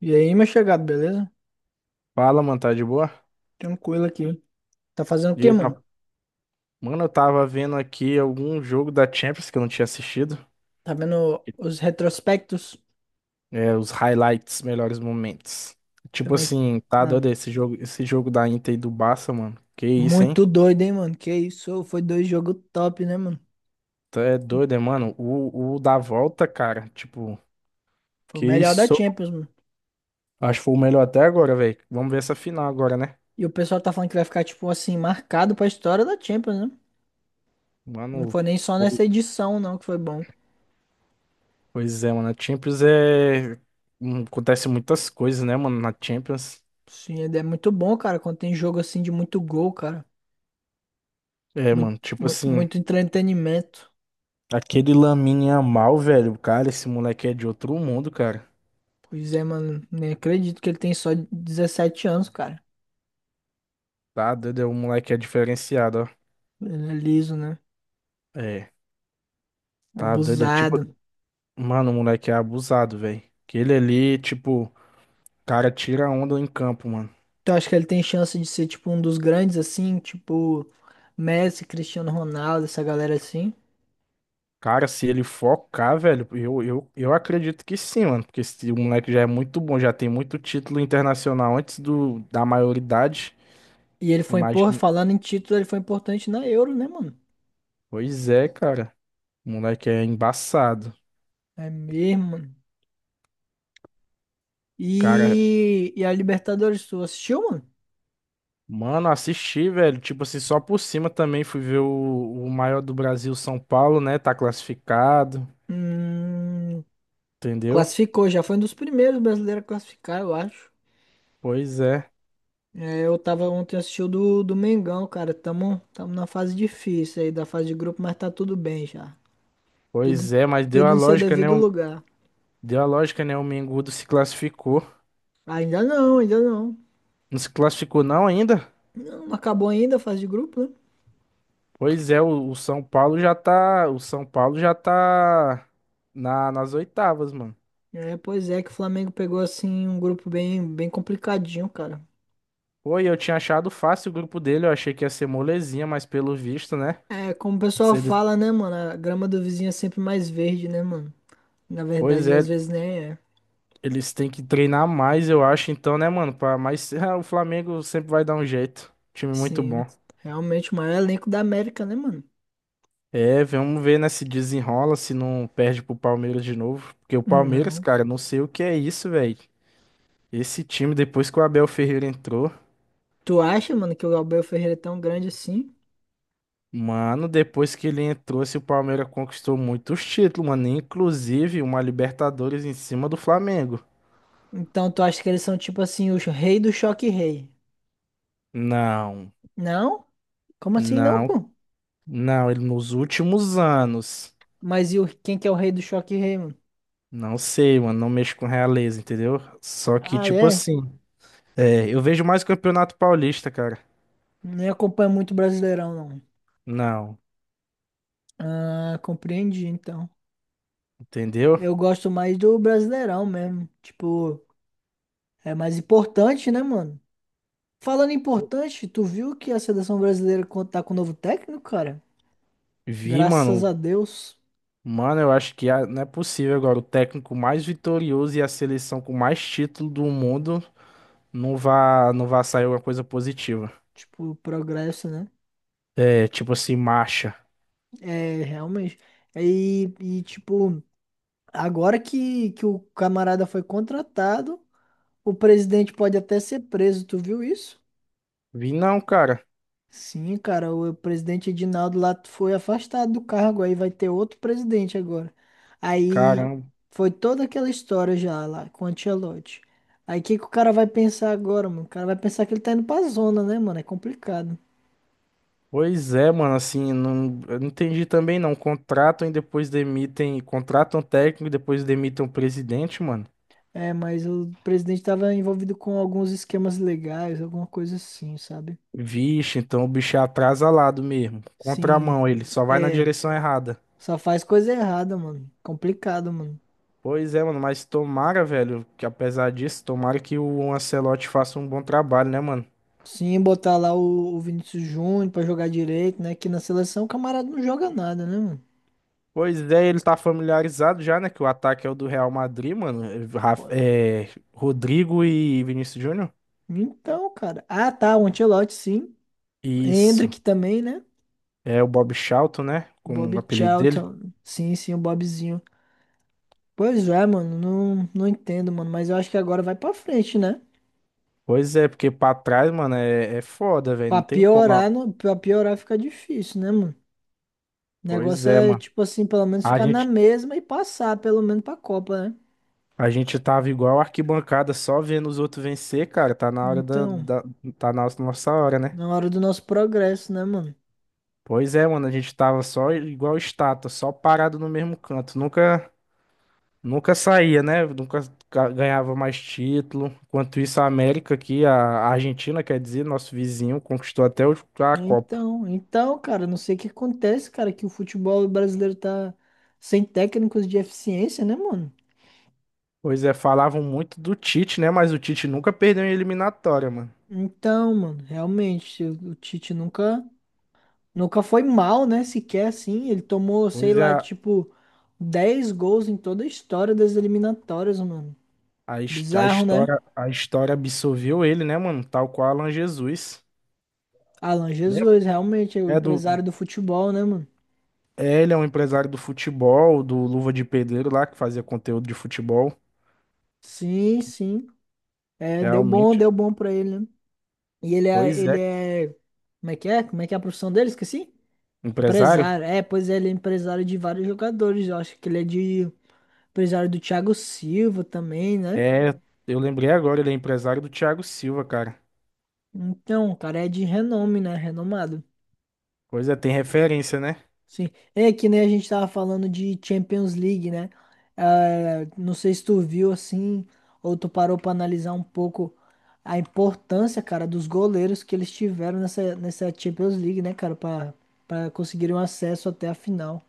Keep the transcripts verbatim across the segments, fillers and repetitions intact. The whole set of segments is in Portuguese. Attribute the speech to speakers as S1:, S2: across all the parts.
S1: E aí, meu chegado, beleza?
S2: Fala, mano, tá de boa?
S1: Tranquilo aqui. Tá fazendo o
S2: E
S1: quê,
S2: aí,
S1: mano?
S2: tá? Mano, eu tava vendo aqui algum jogo da Champions que eu não tinha assistido.
S1: Tá vendo os retrospectos?
S2: É, os highlights, melhores momentos. Tipo
S1: Também.
S2: assim, tá
S1: Ah,
S2: doido esse jogo, esse jogo da Inter e do Barça, mano. Que isso, hein?
S1: muito doido, hein, mano? Que isso? Foi dois jogos top, né, mano?
S2: Tu é doido, é, mano? O, o da volta, cara, tipo,
S1: Foi o
S2: que
S1: melhor da
S2: isso?
S1: Champions, mano.
S2: Acho que foi o melhor até agora, velho. Vamos ver essa final agora, né?
S1: E o pessoal tá falando que vai ficar, tipo assim, marcado pra história da Champions, né? Não
S2: Mano,
S1: foi nem só
S2: po-
S1: nessa edição, não, que foi bom.
S2: pois é, mano. A Champions é. hum, Acontece muitas coisas, né, mano, na Champions.
S1: Sim, é é muito bom, cara, quando tem jogo assim de muito gol, cara.
S2: É,
S1: Muito,
S2: mano, tipo assim.
S1: muito entretenimento.
S2: Aquele Lamine Yamal, velho, cara, esse moleque é de outro mundo, cara.
S1: Pois é, mano. Nem acredito que ele tem só dezessete anos, cara.
S2: Tá doido, é um moleque é diferenciado,
S1: Ele é liso, né?
S2: ó. É, tá doido, é tipo,
S1: Abusado.
S2: mano, o moleque é abusado, velho. Aquele ali, tipo, cara tira onda em campo, mano.
S1: Então acho que ele tem chance de ser tipo um dos grandes assim, tipo Messi, Cristiano Ronaldo, essa galera assim.
S2: Cara, se ele focar, velho, eu, eu, eu acredito que sim, mano, porque esse o moleque já é muito bom, já tem muito título internacional antes do da maioridade.
S1: E ele foi, porra,
S2: Imagina.
S1: falando em título, ele foi importante na Euro, né, mano?
S2: Pois é, cara. O moleque é embaçado.
S1: É mesmo, mano.
S2: Cara,
S1: E, e a Libertadores, tu assistiu, mano?
S2: mano, assisti, velho. Tipo assim, só por cima também fui ver o, o maior do Brasil, São Paulo, né? Tá classificado,
S1: Hum,
S2: entendeu?
S1: Classificou, já foi um dos primeiros brasileiros a classificar, eu acho.
S2: Pois é,
S1: É, eu tava ontem assistindo do, do Mengão, cara. Tamo, tamo na fase difícil aí, da fase de grupo, mas tá tudo bem já. Tudo,
S2: pois é, mas deu
S1: tudo
S2: a
S1: em seu
S2: lógica, né?
S1: devido
S2: O-
S1: lugar.
S2: deu a lógica, né? O Mengudo se classificou.
S1: Ainda não, ainda não.
S2: Não se classificou não ainda?
S1: Não acabou ainda a fase de grupo, né?
S2: Pois é, o, o São Paulo já tá. O São Paulo já tá na, nas oitavas, mano.
S1: É, pois é, que o Flamengo pegou assim um grupo bem, bem complicadinho, cara.
S2: Pô, e eu tinha achado fácil o grupo dele, eu achei que ia ser molezinha, mas pelo visto, né?
S1: É, como o pessoal
S2: Se ele-
S1: fala, né, mano? A grama do vizinho é sempre mais verde, né, mano? Na
S2: Pois
S1: verdade, às
S2: é,
S1: vezes nem é.
S2: eles têm que treinar mais, eu acho, então, né, mano? Pra... Mas o Flamengo sempre vai dar um jeito. Time muito
S1: Sim,
S2: bom.
S1: realmente o maior elenco da América, né, mano?
S2: É, vamos ver, né, se desenrola, se não perde pro Palmeiras de novo. Porque o
S1: Hum,
S2: Palmeiras,
S1: Não.
S2: cara, não sei o que é isso, velho. Esse time, depois que o Abel Ferreira entrou,
S1: Tu acha, mano, que o Gabriel Ferreira é tão grande assim?
S2: mano, depois que ele entrou, se o Palmeiras conquistou muitos títulos, mano. Inclusive uma Libertadores em cima do Flamengo.
S1: Então tu acha que eles são tipo assim, o rei do choque rei?
S2: Não,
S1: Não? Como assim não,
S2: não,
S1: pô?
S2: não. Ele nos últimos anos.
S1: Mas e o, quem que é o rei do choque rei, mano?
S2: Não sei, mano, não mexo com realeza, entendeu? Só que,
S1: Ah,
S2: tipo
S1: é?
S2: assim, é, eu vejo mais Campeonato Paulista, cara.
S1: Nem acompanho muito Brasileirão, não.
S2: Não,
S1: Ah, compreendi, então.
S2: entendeu?
S1: Eu gosto mais do Brasileirão mesmo. Tipo, é mais importante, né, mano? Falando em importante, tu viu que a seleção brasileira co- tá com um novo técnico, cara?
S2: Vi,
S1: Graças
S2: mano.
S1: a Deus.
S2: Mano, eu acho que ah, não é possível agora. O técnico mais vitorioso e a seleção com mais título do mundo não vá, não vá sair alguma coisa positiva.
S1: Tipo, progresso, né?
S2: É, tipo assim, marcha.
S1: É, realmente. É, E, e tipo, agora que, que o camarada foi contratado, o presidente pode até ser preso. Tu viu isso?
S2: Vi não, cara.
S1: Sim, cara, o presidente Edinaldo lá foi afastado do cargo, aí vai ter outro presidente agora. Aí
S2: Caramba.
S1: foi toda aquela história já lá com o Ancelotti. Aí o que que o cara vai pensar agora, mano? O cara vai pensar que ele tá indo pra zona, né, mano? É complicado.
S2: Pois é, mano, assim, não, eu não entendi também não. Contratam e depois demitem. Contratam técnico e depois demitem o presidente, mano.
S1: É, mas o presidente tava envolvido com alguns esquemas legais, alguma coisa assim, sabe?
S2: Vixe, então o bicho é atrasalado mesmo.
S1: Sim,
S2: Contramão, ele só vai na
S1: é.
S2: direção errada.
S1: Só faz coisa errada, mano. Complicado, mano.
S2: Pois é, mano, mas tomara, velho, que apesar disso, tomara que o Ancelotti faça um bom trabalho, né, mano?
S1: Sim, botar lá o, o Vinícius Júnior pra jogar direito, né? Que na seleção o camarada não joga nada, né, mano?
S2: Pois é, ele tá familiarizado já, né, que o ataque é o do Real Madrid, mano. É,
S1: Pô,
S2: Raf- é, Rodrigo e Vinícius Júnior.
S1: então, cara. Ah, tá, o Ancelotti, sim.
S2: Isso.
S1: Hendrick também, né?
S2: É o Bob Charlton, né, como
S1: Bob
S2: o apelido dele.
S1: Charlton. Sim, sim, o Bobzinho. Pois é, mano, não, não entendo, mano. Mas eu acho que agora vai pra frente, né?
S2: Pois é, porque pra trás, mano, é, é foda, velho,
S1: Pra
S2: não tem como. Ah.
S1: piorar, não, pra piorar fica difícil, né, mano? O
S2: Pois
S1: negócio
S2: é,
S1: é,
S2: mano.
S1: tipo assim, pelo menos
S2: A
S1: ficar na
S2: gente
S1: mesma e passar, pelo menos pra Copa, né?
S2: A gente tava igual arquibancada só vendo os outros vencer, cara. Tá na hora da,
S1: Então,
S2: da- tá na nossa hora, né?
S1: na hora do nosso progresso, né, mano?
S2: Pois é, mano, a gente tava só igual estátua, só parado no mesmo canto. Nunca, nunca saía, né? Nunca ga- ganhava mais título. Enquanto isso, a América aqui, a a Argentina, quer dizer, nosso vizinho, conquistou até o- a Copa.
S1: Então, então, cara, não sei o que acontece, cara, que o futebol brasileiro tá sem técnicos de eficiência, né, mano?
S2: Pois é, falavam muito do Tite, né? Mas o Tite nunca perdeu em eliminatória, mano.
S1: Então, mano, realmente, o o Tite nunca, nunca foi mal, né, sequer assim. Ele tomou, sei
S2: Pois é,
S1: lá,
S2: a,
S1: tipo, dez gols em toda a história das eliminatórias, mano.
S2: a his- a
S1: Bizarro, né?
S2: história, a história absorveu ele, né, mano? Tal qual Alan Jesus.
S1: Alan
S2: Né?
S1: Jesus, realmente, é o
S2: É do,
S1: empresário do futebol, né, mano?
S2: é, ele é um empresário do futebol, do Luva de Pedreiro lá, que fazia conteúdo de futebol.
S1: Sim, sim. É, deu bom,
S2: Realmente.
S1: deu bom pra ele, né? E ele é,
S2: Pois
S1: ele
S2: é.
S1: é, como é que é? Como é que é a profissão dele? Esqueci?
S2: Empresário?
S1: Empresário, é, pois é, ele é empresário de vários jogadores. Eu acho que ele é de empresário do Thiago Silva também, né?
S2: É, eu lembrei agora, ele é empresário do Thiago Silva, cara.
S1: Então, o cara é de renome, né? Renomado.
S2: Pois é, tem referência, né?
S1: Sim. É que nem a gente tava falando de Champions League, né? Ah, não sei se tu viu assim, ou tu parou pra analisar um pouco a importância, cara, dos goleiros que eles tiveram nessa, nessa Champions League, né, cara, pra, pra conseguirem um acesso até a final.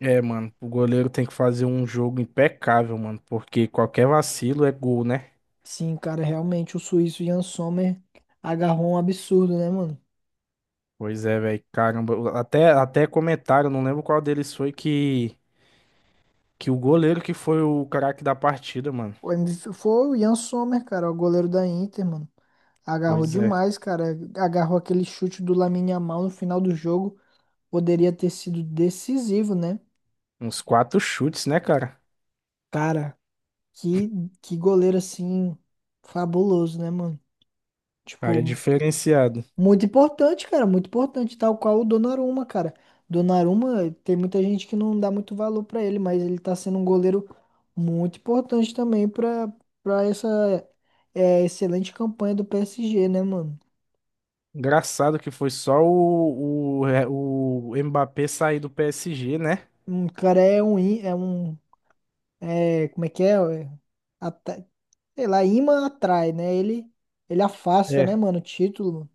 S2: É, mano, o goleiro tem que fazer um jogo impecável, mano, porque qualquer vacilo é gol, né?
S1: Sim, cara, realmente o suíço Jan Sommer agarrou um absurdo, né, mano?
S2: Pois é, velho, caramba. Até, até comentaram, não lembro qual deles foi que, que, o goleiro que foi o craque da partida, mano.
S1: O M V foi o Jan Sommer, cara, o goleiro da Inter, mano. Agarrou
S2: Pois é,
S1: demais, cara. Agarrou aquele chute do Lamine Yamal no final do jogo. Poderia ter sido decisivo, né?
S2: uns quatro chutes, né, cara?
S1: Cara, que, que goleiro assim, fabuloso, né, mano?
S2: Cara, é
S1: Tipo,
S2: diferenciado.
S1: muito importante, cara, muito importante, tal qual o Donnarumma, cara. Donnarumma, tem muita gente que não dá muito valor pra ele, mas ele tá sendo um goleiro muito importante também pra para essa é, excelente campanha do P S G, né, mano?
S2: Engraçado que foi só o, o, é, o Mbappé sair do P S G, né?
S1: Um cara é um í- é um é, como é que é? É, ata- sei lá, imã atrai, né? Ele ele afasta, né,
S2: É.
S1: mano, o título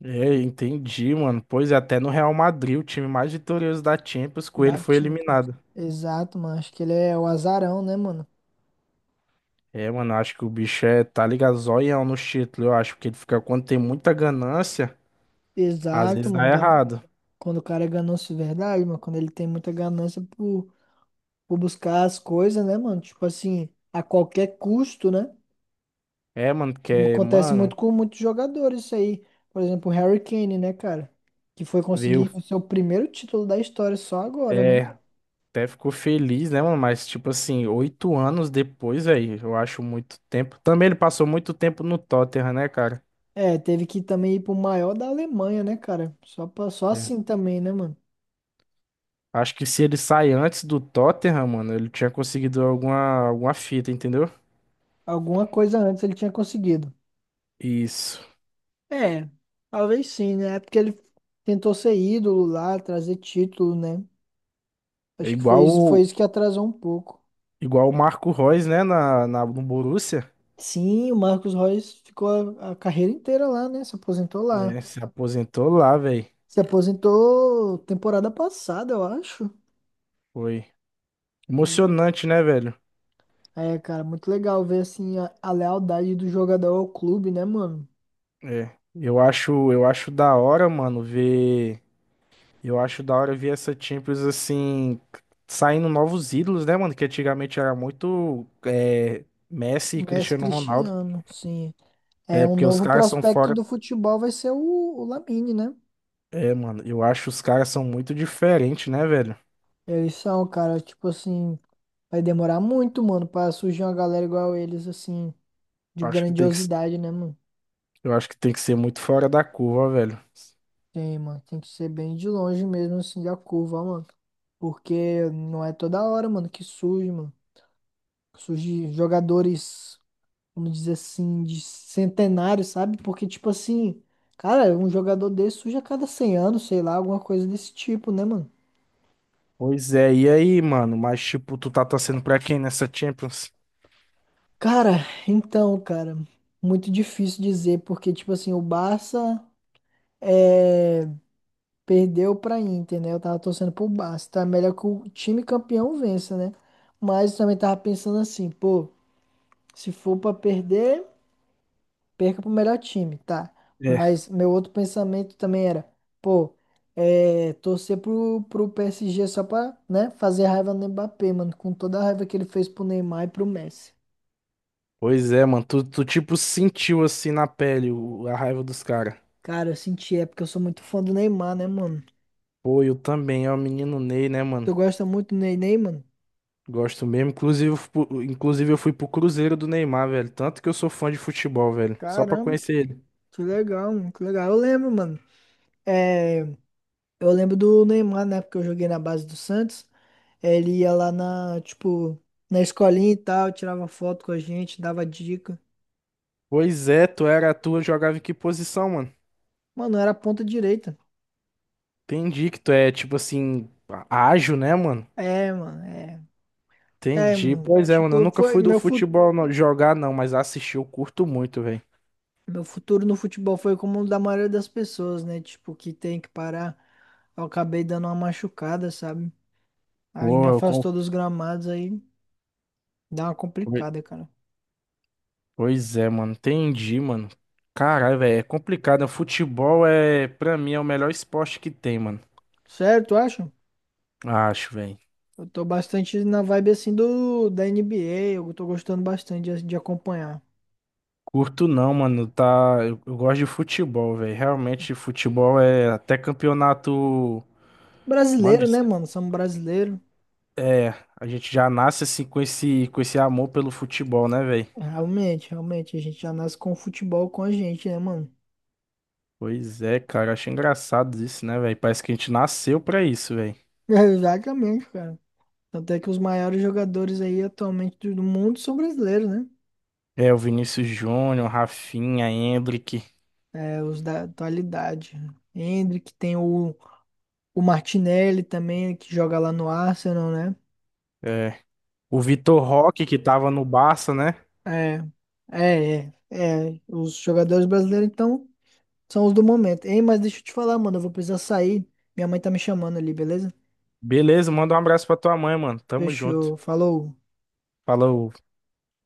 S2: É, entendi, mano. Pois é, até no Real Madrid, o time mais vitorioso da Champions, com ele
S1: da
S2: foi
S1: tinta.
S2: eliminado.
S1: Exato, mano. Acho que ele é o azarão, né, mano?
S2: É, mano, eu acho que o bicho é, tá ligado, zoião no título. Eu acho que ele fica, quando tem muita ganância, às
S1: Exato,
S2: vezes dá
S1: mano.
S2: errado.
S1: Quando o cara é ganância de verdade, mano, quando ele tem muita ganância por, por buscar as coisas, né, mano? Tipo assim, a qualquer custo, né?
S2: É, mano, porque,
S1: Acontece
S2: mano,
S1: muito com muitos jogadores isso aí. Por exemplo, o Harry Kane, né, cara? Que foi
S2: viu?
S1: conseguir o seu primeiro título da história só agora, né?
S2: É, até ficou feliz, né, mano? Mas, tipo assim, oito anos depois, aí, eu acho muito tempo. Também ele passou muito tempo no Tottenham, né, cara?
S1: É, teve que também ir pro maior da Alemanha, né, cara? Só, pra, só
S2: É.
S1: assim também, né, mano?
S2: Acho que se ele sai antes do Tottenham, mano, ele tinha conseguido alguma, alguma fita, entendeu?
S1: Alguma coisa antes ele tinha conseguido.
S2: Isso.
S1: É, talvez sim, né? É porque ele tentou ser ídolo lá, trazer título, né?
S2: É
S1: Acho que foi
S2: igual,
S1: isso, foi
S2: o-
S1: isso que atrasou um pouco.
S2: igual o Marco Reus, né, na, na, no Borussia.
S1: Sim, o Marcos Royce ficou a, a carreira inteira lá, né? Se aposentou lá.
S2: Né? Se aposentou lá, velho.
S1: Se aposentou temporada passada, eu acho.
S2: Foi
S1: Pois
S2: emocionante, né, velho?
S1: É, É, cara, muito legal ver assim a, a lealdade do jogador ao clube, né, mano?
S2: É. Eu acho, eu acho da hora, mano, ver. Eu acho da hora ver essa Champions assim, saindo novos ídolos, né, mano? Que antigamente era muito é, Messi e
S1: Messi
S2: Cristiano Ronaldo.
S1: Cristiano, sim. É,
S2: É,
S1: um
S2: porque os
S1: novo
S2: caras são
S1: prospecto
S2: fora.
S1: do futebol vai ser o, o Lamine, né?
S2: É, mano, eu acho os caras são muito diferentes, né, velho?
S1: Eles são, cara, tipo assim, vai demorar muito, mano, pra surgir uma galera igual eles, assim, de
S2: Eu Acho que tem que,
S1: grandiosidade, né, mano?
S2: eu acho que tem que ser muito fora da curva, velho.
S1: Tem, mano, tem que ser bem de longe mesmo, assim, da curva, ó, mano. Porque não é toda hora, mano, que surge, mano. Surge jogadores, vamos dizer assim, de centenário, sabe? Porque, tipo assim, cara, um jogador desse surge a cada cem anos, sei lá, alguma coisa desse tipo, né, mano?
S2: Pois é, e aí, mano? Mas, tipo, tu tá torcendo pra quem nessa Champions?
S1: Cara, então, cara, muito difícil dizer, porque, tipo assim, o Barça é, perdeu pra Inter, né? Eu tava torcendo pro Barça, tá? Melhor que o time campeão vença, né? Mas também tava pensando assim, pô. Se for pra perder, perca pro melhor time, tá?
S2: É.
S1: Mas meu outro pensamento também era, pô, é, torcer pro, pro P S G só pra, né, fazer raiva no Mbappé, mano, com toda a raiva que ele fez pro Neymar e pro Messi.
S2: Pois é, mano. Tu, tu tipo, sentiu assim na pele o- a raiva dos caras.
S1: Cara, eu senti, é porque eu sou muito fã do Neymar, né, mano?
S2: Pô, eu também, é o menino Ney, né, mano?
S1: Tu gosta muito do Ney, Ney, mano?
S2: Gosto mesmo. Inclusive, fu- inclusive, eu fui pro Cruzeiro do Neymar, velho. Tanto que eu sou fã de futebol, velho. Só pra
S1: Caramba, que,
S2: conhecer ele.
S1: que legal, mano, que legal. Eu lembro, mano. É, eu lembro do Neymar, né, porque eu joguei na base do Santos. É, ele ia lá na, tipo, na escolinha e tal, tirava foto com a gente, dava dica.
S2: Pois é, tu era tu jogava em que posição, mano?
S1: Mano, eu era ponta direita.
S2: Entendi que tu é, tipo assim, á- ágil, né, mano?
S1: É, mano, é. É,
S2: Entendi.
S1: mano.
S2: Pois é, mano. Eu
S1: Tipo,
S2: nunca
S1: foi
S2: fui do
S1: meu, fu
S2: futebol não- jogar, não, mas assistir eu curto muito, velho.
S1: meu futuro no futebol foi como o da maioria das pessoas, né? Tipo, que tem que parar. Eu acabei dando uma machucada, sabe? Aí me
S2: Pô, eu com...
S1: afastou dos gramados, aí dá uma
S2: Poi-
S1: complicada, cara.
S2: Pois é, mano. Entendi, mano. Caralho, velho. É complicado. Né? Futebol é, pra mim, é o melhor esporte que tem, mano.
S1: Certo, acho?
S2: Acho, velho.
S1: Eu tô bastante na vibe assim do da N B A, eu tô gostando bastante de, de acompanhar.
S2: Curto não, mano, tá, eu, eu gosto de futebol, velho. Realmente futebol é até campeonato, mano,
S1: Brasileiro,
S2: de-
S1: né, mano? Somos brasileiro.
S2: é, a gente já nasce assim com esse com esse amor pelo futebol, né, velho?
S1: Realmente, realmente, a gente já nasce com o futebol com a gente, né, mano?
S2: Pois é, cara, acho engraçado isso, né, velho? Parece que a gente nasceu pra isso, velho.
S1: Exatamente, cara. Tanto é que os maiores jogadores aí atualmente do do mundo são brasileiros, né?
S2: É, o Vinícius Júnior, Rafinha, Endrick,
S1: É, os da atualidade. Endrick, tem o, o Martinelli também, né, que joga lá no Arsenal, né?
S2: é, o Vitor Roque que tava no Barça, né?
S1: É, é, é, é. Os jogadores brasileiros, então, são os do momento. Ei, mas deixa eu te falar, mano, eu vou precisar sair. Minha mãe tá me chamando ali, beleza?
S2: Beleza, manda um abraço pra tua mãe, mano. Tamo junto.
S1: Fechou, falou.
S2: Falou.